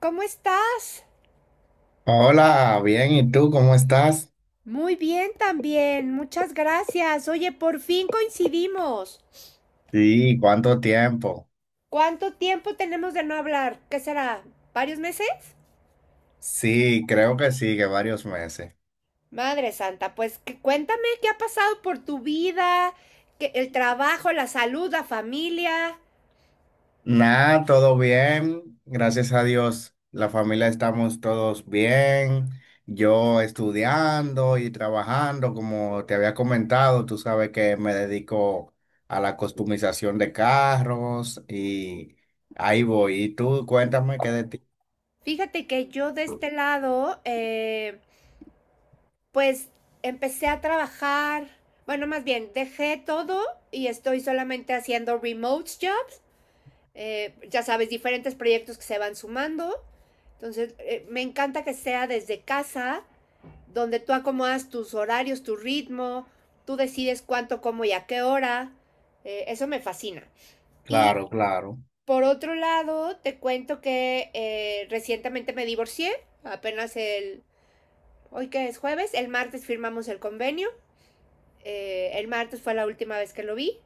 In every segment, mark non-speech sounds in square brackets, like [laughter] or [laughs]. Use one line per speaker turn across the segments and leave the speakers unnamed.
¿Cómo estás?
Hola, bien, ¿y tú cómo estás?
Muy bien también, muchas gracias. Oye, por fin coincidimos.
Sí, ¿cuánto tiempo?
¿Cuánto tiempo tenemos de no hablar? ¿Qué será? ¿Varios meses?
Sí, creo que sí, que varios meses.
Madre Santa, cuéntame qué ha pasado por tu vida, el trabajo, la salud, la familia.
Nada, todo bien, gracias a Dios, la familia estamos todos bien, yo estudiando y trabajando, como te había comentado, tú sabes que me dedico a la customización de carros y ahí voy. ¿Y tú cuéntame qué de ti?
Fíjate que yo de este lado, pues empecé a trabajar, bueno, más bien, dejé todo y estoy solamente haciendo remote job. Ya sabes, diferentes proyectos que se van sumando. Entonces, me encanta que sea desde casa, donde tú acomodas tus horarios, tu ritmo, tú decides cuánto, cómo y a qué hora. Eso me fascina. Y
Claro, claro,
por otro lado, te cuento que recientemente me divorcié, apenas el, hoy que es jueves, el martes firmamos el convenio. El martes fue la última vez que lo vi.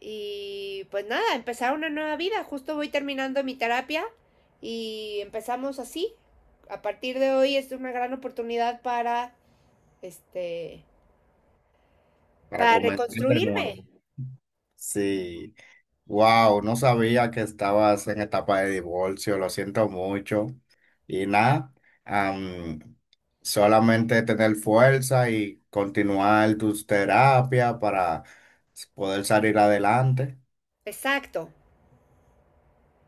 Y pues nada, empezar una nueva vida. Justo voy terminando mi terapia y empezamos así. A partir de hoy es una gran oportunidad para, este,
para
para
comentar de
reconstruirme.
nuevo. Sí. Wow, no sabía que estabas en etapa de divorcio, lo siento mucho. Y nada, am, solamente tener fuerza y continuar tus terapias para poder salir adelante.
Exacto.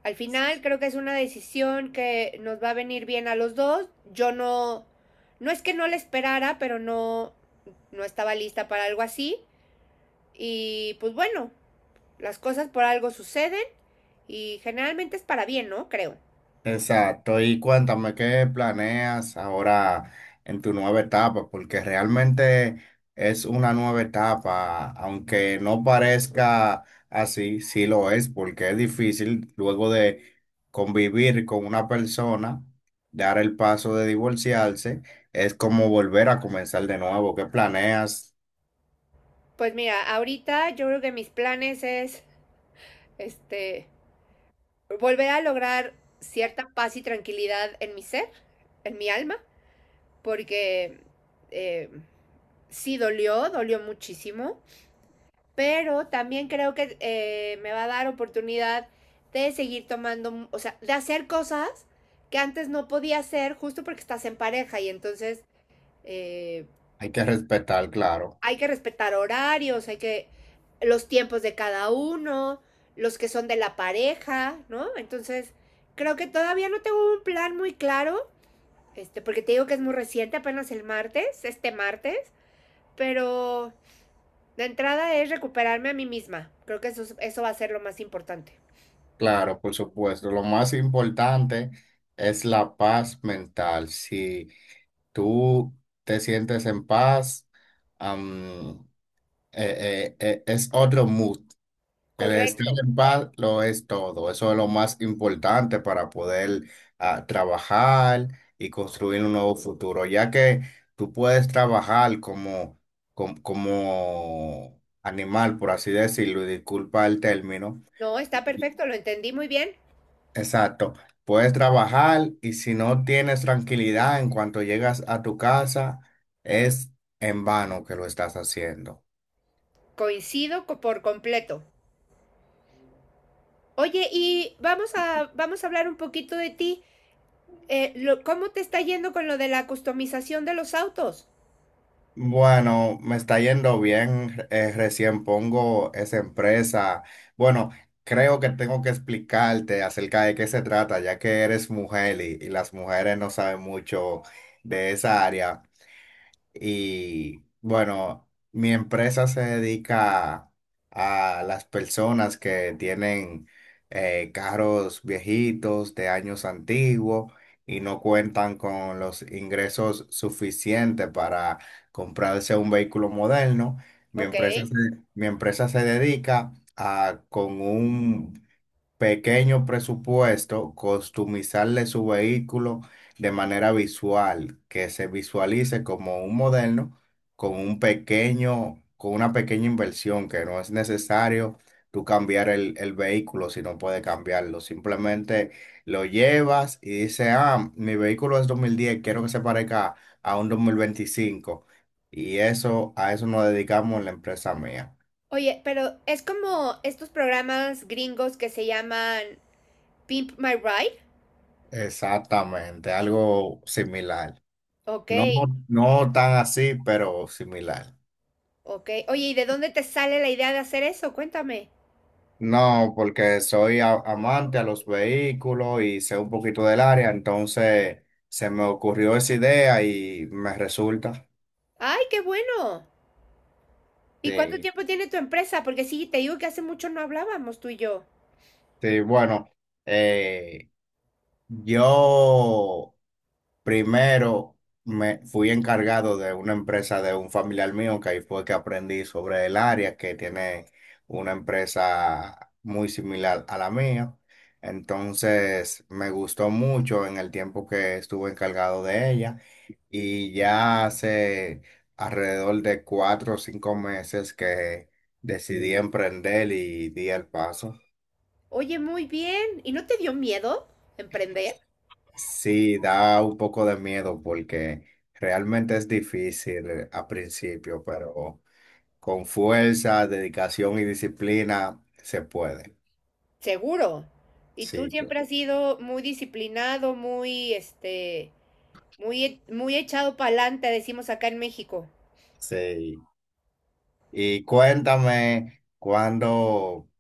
Al final creo que es una decisión que nos va a venir bien a los dos. Yo no, no es que no la esperara, no estaba lista para algo así. Y pues bueno, las cosas por algo suceden y generalmente es para bien, ¿no? Creo.
Exacto, y cuéntame qué planeas ahora en tu nueva etapa, porque realmente es una nueva etapa, aunque no parezca así, sí lo es, porque es difícil luego de convivir con una persona, dar el paso de divorciarse, es como volver a comenzar de nuevo. ¿Qué planeas?
Pues mira, ahorita yo creo que mis planes es este volver a lograr cierta paz y tranquilidad en mi ser, en mi alma, porque eh, sí dolió, dolió muchísimo, pero también creo que me va a dar oportunidad de seguir tomando, o sea, de hacer cosas que antes no podía hacer justo porque estás en pareja y entonces eh,
Hay que respetar, claro,
hay que respetar horarios, hay que los tiempos de cada uno, los que son de la pareja, ¿no? Entonces, creo que todavía no tengo un plan muy claro, porque te digo que es muy reciente, apenas el martes, este martes, pero la entrada es recuperarme a mí misma. Creo que eso, eso va a ser lo más importante.
claro, por supuesto. Lo más importante es la paz mental, sí. Tú te sientes en paz. am, es otro mood. El estar
Correcto.
en paz lo es todo. Eso es lo más importante para poder trabajar y construir un nuevo futuro, ya que tú puedes trabajar como animal, por así decirlo, y disculpa el término.
No, está perfecto, lo entendí muy bien.
Exacto. Puedes trabajar y si no tienes tranquilidad en cuanto llegas a tu casa, es en vano que lo estás haciendo.
Por completo. Oye, y vamos a hablar un poquito de ti. ¿Cómo te está yendo con lo de la customización de los autos?
Bueno, me está yendo bien. Recién pongo esa empresa. Bueno, creo que tengo que explicarte acerca de qué se trata, ya que eres mujer y las mujeres no saben mucho de esa área. Y bueno, mi empresa se dedica a las personas que tienen carros viejitos de años antiguos y no cuentan con los ingresos suficientes para comprarse un vehículo moderno. Mi
Ok.
empresa se, Mi empresa se dedica a con un pequeño presupuesto, customizarle su vehículo de manera visual, que se visualice como un moderno con un pequeño, con una pequeña inversión, que no es necesario tú cambiar el vehículo si no puedes cambiarlo. Simplemente lo llevas y dices, ah, mi vehículo es 2010, quiero que se parezca a un 2025. Y eso, a eso nos dedicamos en la empresa mía.
Oye, pero es como estos programas gringos que se llaman Pimp My Ride.
Exactamente, algo similar.
Ok.
No, no tan así, pero similar.
Ok. Oye, ¿y de dónde te sale la idea de hacer eso? Cuéntame.
No, porque soy amante a los vehículos y sé un poquito del área, entonces se me ocurrió esa idea y me resulta.
¡Ay, qué bueno! ¿Y cuánto
Sí,
tiempo tiene tu empresa? Porque sí, te digo que hace mucho no hablábamos tú y yo.
sí, bueno, eh, yo primero me fui encargado de una empresa de un familiar mío, que ahí fue que aprendí sobre el área, que tiene una empresa muy similar a la mía. Entonces me gustó mucho en el tiempo que estuve encargado de ella y ya hace alrededor de 4 o 5 meses que decidí emprender y di el paso.
Oye, muy bien. ¿Y no te dio miedo emprender?
Sí, da un poco de miedo porque realmente es difícil a principio, pero con fuerza, dedicación y disciplina se puede.
Seguro. Y
Sí,
tú
cl-
siempre has sido muy disciplinado, muy, muy echado para adelante, decimos acá en México.
sí. Y cuéntame cuando,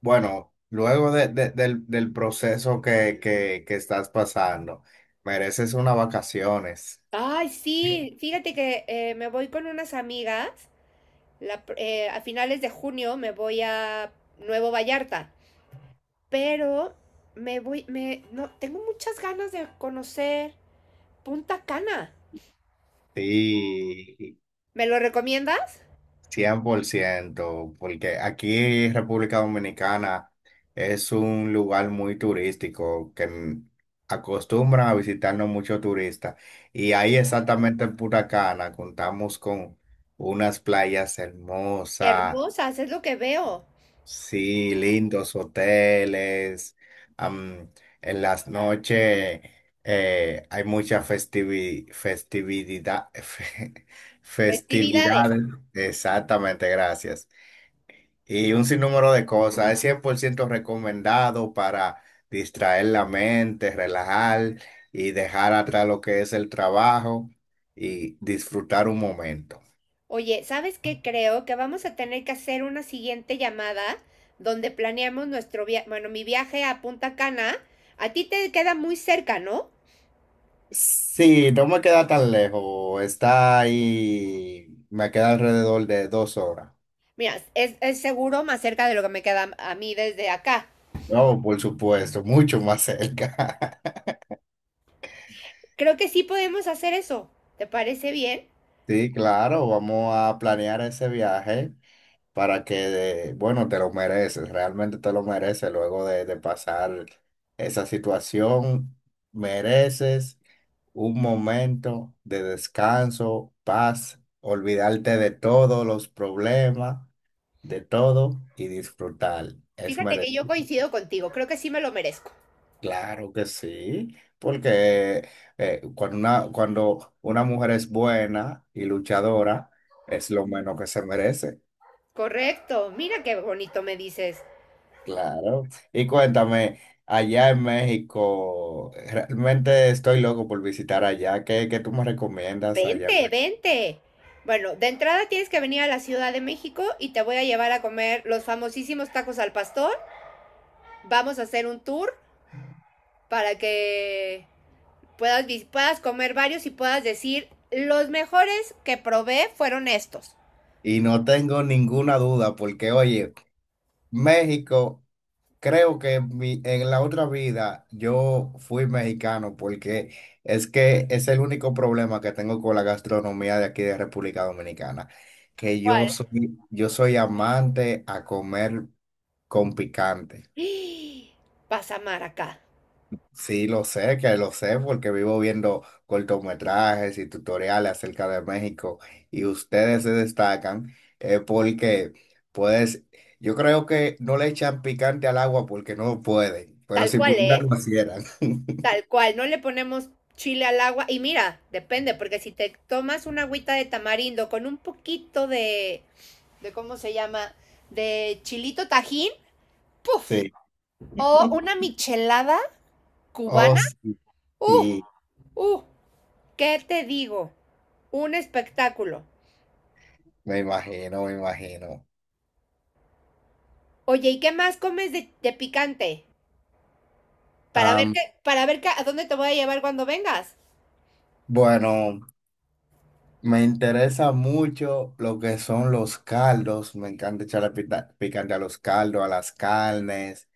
bueno, luego del proceso que estás pasando, mereces unas vacaciones.
Ay, sí, fíjate que me voy con unas amigas. A finales de junio me voy a Nuevo Vallarta. Pero me voy, me, no, tengo muchas ganas de conocer Punta Cana.
Sí.
¿Me lo recomiendas?
100%, porque aquí en República Dominicana es un lugar muy turístico que acostumbran a visitarnos muchos turistas. Y ahí exactamente en Punta Cana contamos con unas playas hermosas,
Hermosas, es lo que veo.
sí, lindos hoteles. am, en las noches hay mucha festividad, [laughs]
Festividades.
festividades. Exactamente, gracias. Y un sinnúmero de cosas. Es 100% recomendado para distraer la mente, relajar y dejar atrás lo que es el trabajo y disfrutar un momento.
Oye, ¿sabes qué? Creo que vamos a tener que hacer una siguiente llamada donde planeamos nuestro viaje, bueno, mi viaje a Punta Cana. A ti te queda muy cerca, ¿no?
Sí, no me queda tan lejos. Está ahí, me queda alrededor de 2 horas.
Mira, es seguro más cerca de lo que me queda a mí desde acá.
No, por supuesto, mucho más cerca. [laughs]
Creo que sí podemos hacer eso. ¿Te parece bien?
Sí, claro, vamos a planear ese viaje. Para que, bueno, te lo mereces, realmente te lo mereces luego de pasar esa situación, mereces un momento de descanso, paz, olvidarte de todos los problemas, de todo y disfrutar. Es
Fíjate que yo
merecido.
coincido contigo, creo que sí me lo merezco.
Claro que sí, porque cuando una mujer es buena y luchadora, es lo menos que se merece.
Correcto, mira qué bonito me dices.
Claro. Y cuéntame, allá en México, realmente estoy loco por visitar allá. ¿Qué tú me recomiendas allá?
Vente, vente. Bueno, de entrada tienes que venir a la Ciudad de México y te voy a llevar a comer los famosísimos tacos al pastor. Vamos a hacer un tour para que puedas comer varios y puedas decir, los mejores que probé fueron estos.
Y no tengo ninguna duda porque, oye, México, creo que en la otra vida yo fui mexicano porque es que es el único problema que tengo con la gastronomía de aquí de República Dominicana, que
¿Cuál?
yo soy amante a comer con picante.
[gasps] Vas a amar acá.
Sí, lo sé, que lo sé, porque vivo viendo cortometrajes y tutoriales acerca de México y ustedes se destacan porque, puedes. Yo creo que no le echan picante al agua porque no pueden, pero
Tal
si
cual,
pudieran
¿eh?
lo hicieran. [laughs]
Tal cual, no le ponemos chile al agua. Y mira, depende, porque si te tomas una agüita de tamarindo con un poquito de, ¿cómo se llama? De chilito tajín, ¡puf!
Sí.
O una michelada
Oh,
cubana,
sí,
¡uh!
sí,
¡Uh! ¿Qué te digo? Un espectáculo.
me imagino, me imagino.
Oye, ¿y qué más comes de picante? Para ver
Am,
para ver a dónde te voy a llevar cuando vengas.
bueno, me interesa mucho lo que son los caldos, me encanta echarle picante a los caldos, a las carnes.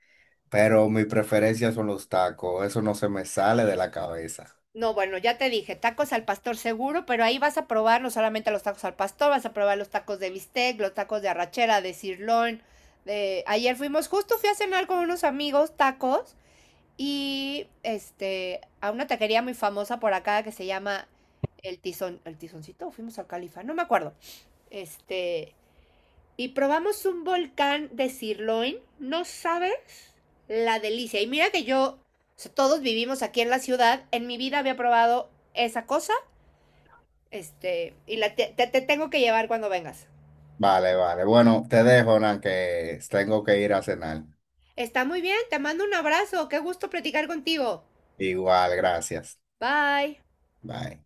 Pero mi preferencia son los tacos, eso no se me sale de la cabeza.
No, bueno, ya te dije, tacos al pastor seguro, pero ahí vas a probar no solamente los tacos al pastor, vas a probar los tacos de bistec, los tacos de arrachera, de cirlón. De... Ayer fuimos, justo fui a cenar con unos amigos tacos y este a una taquería muy famosa por acá que se llama El Tizón, El Tizoncito, fuimos al Califa, no me acuerdo. Este, y probamos un volcán de sirloin, no sabes la delicia. Y mira que yo, o sea, todos vivimos aquí en la ciudad, en mi vida había probado esa cosa, este, y te tengo que llevar cuando vengas.
Vale, vale. Bueno, te dejo, Nan, que tengo que ir a cenar.
Está muy bien, te mando un abrazo, qué gusto platicar contigo.
Igual, gracias.
Bye.
Bye.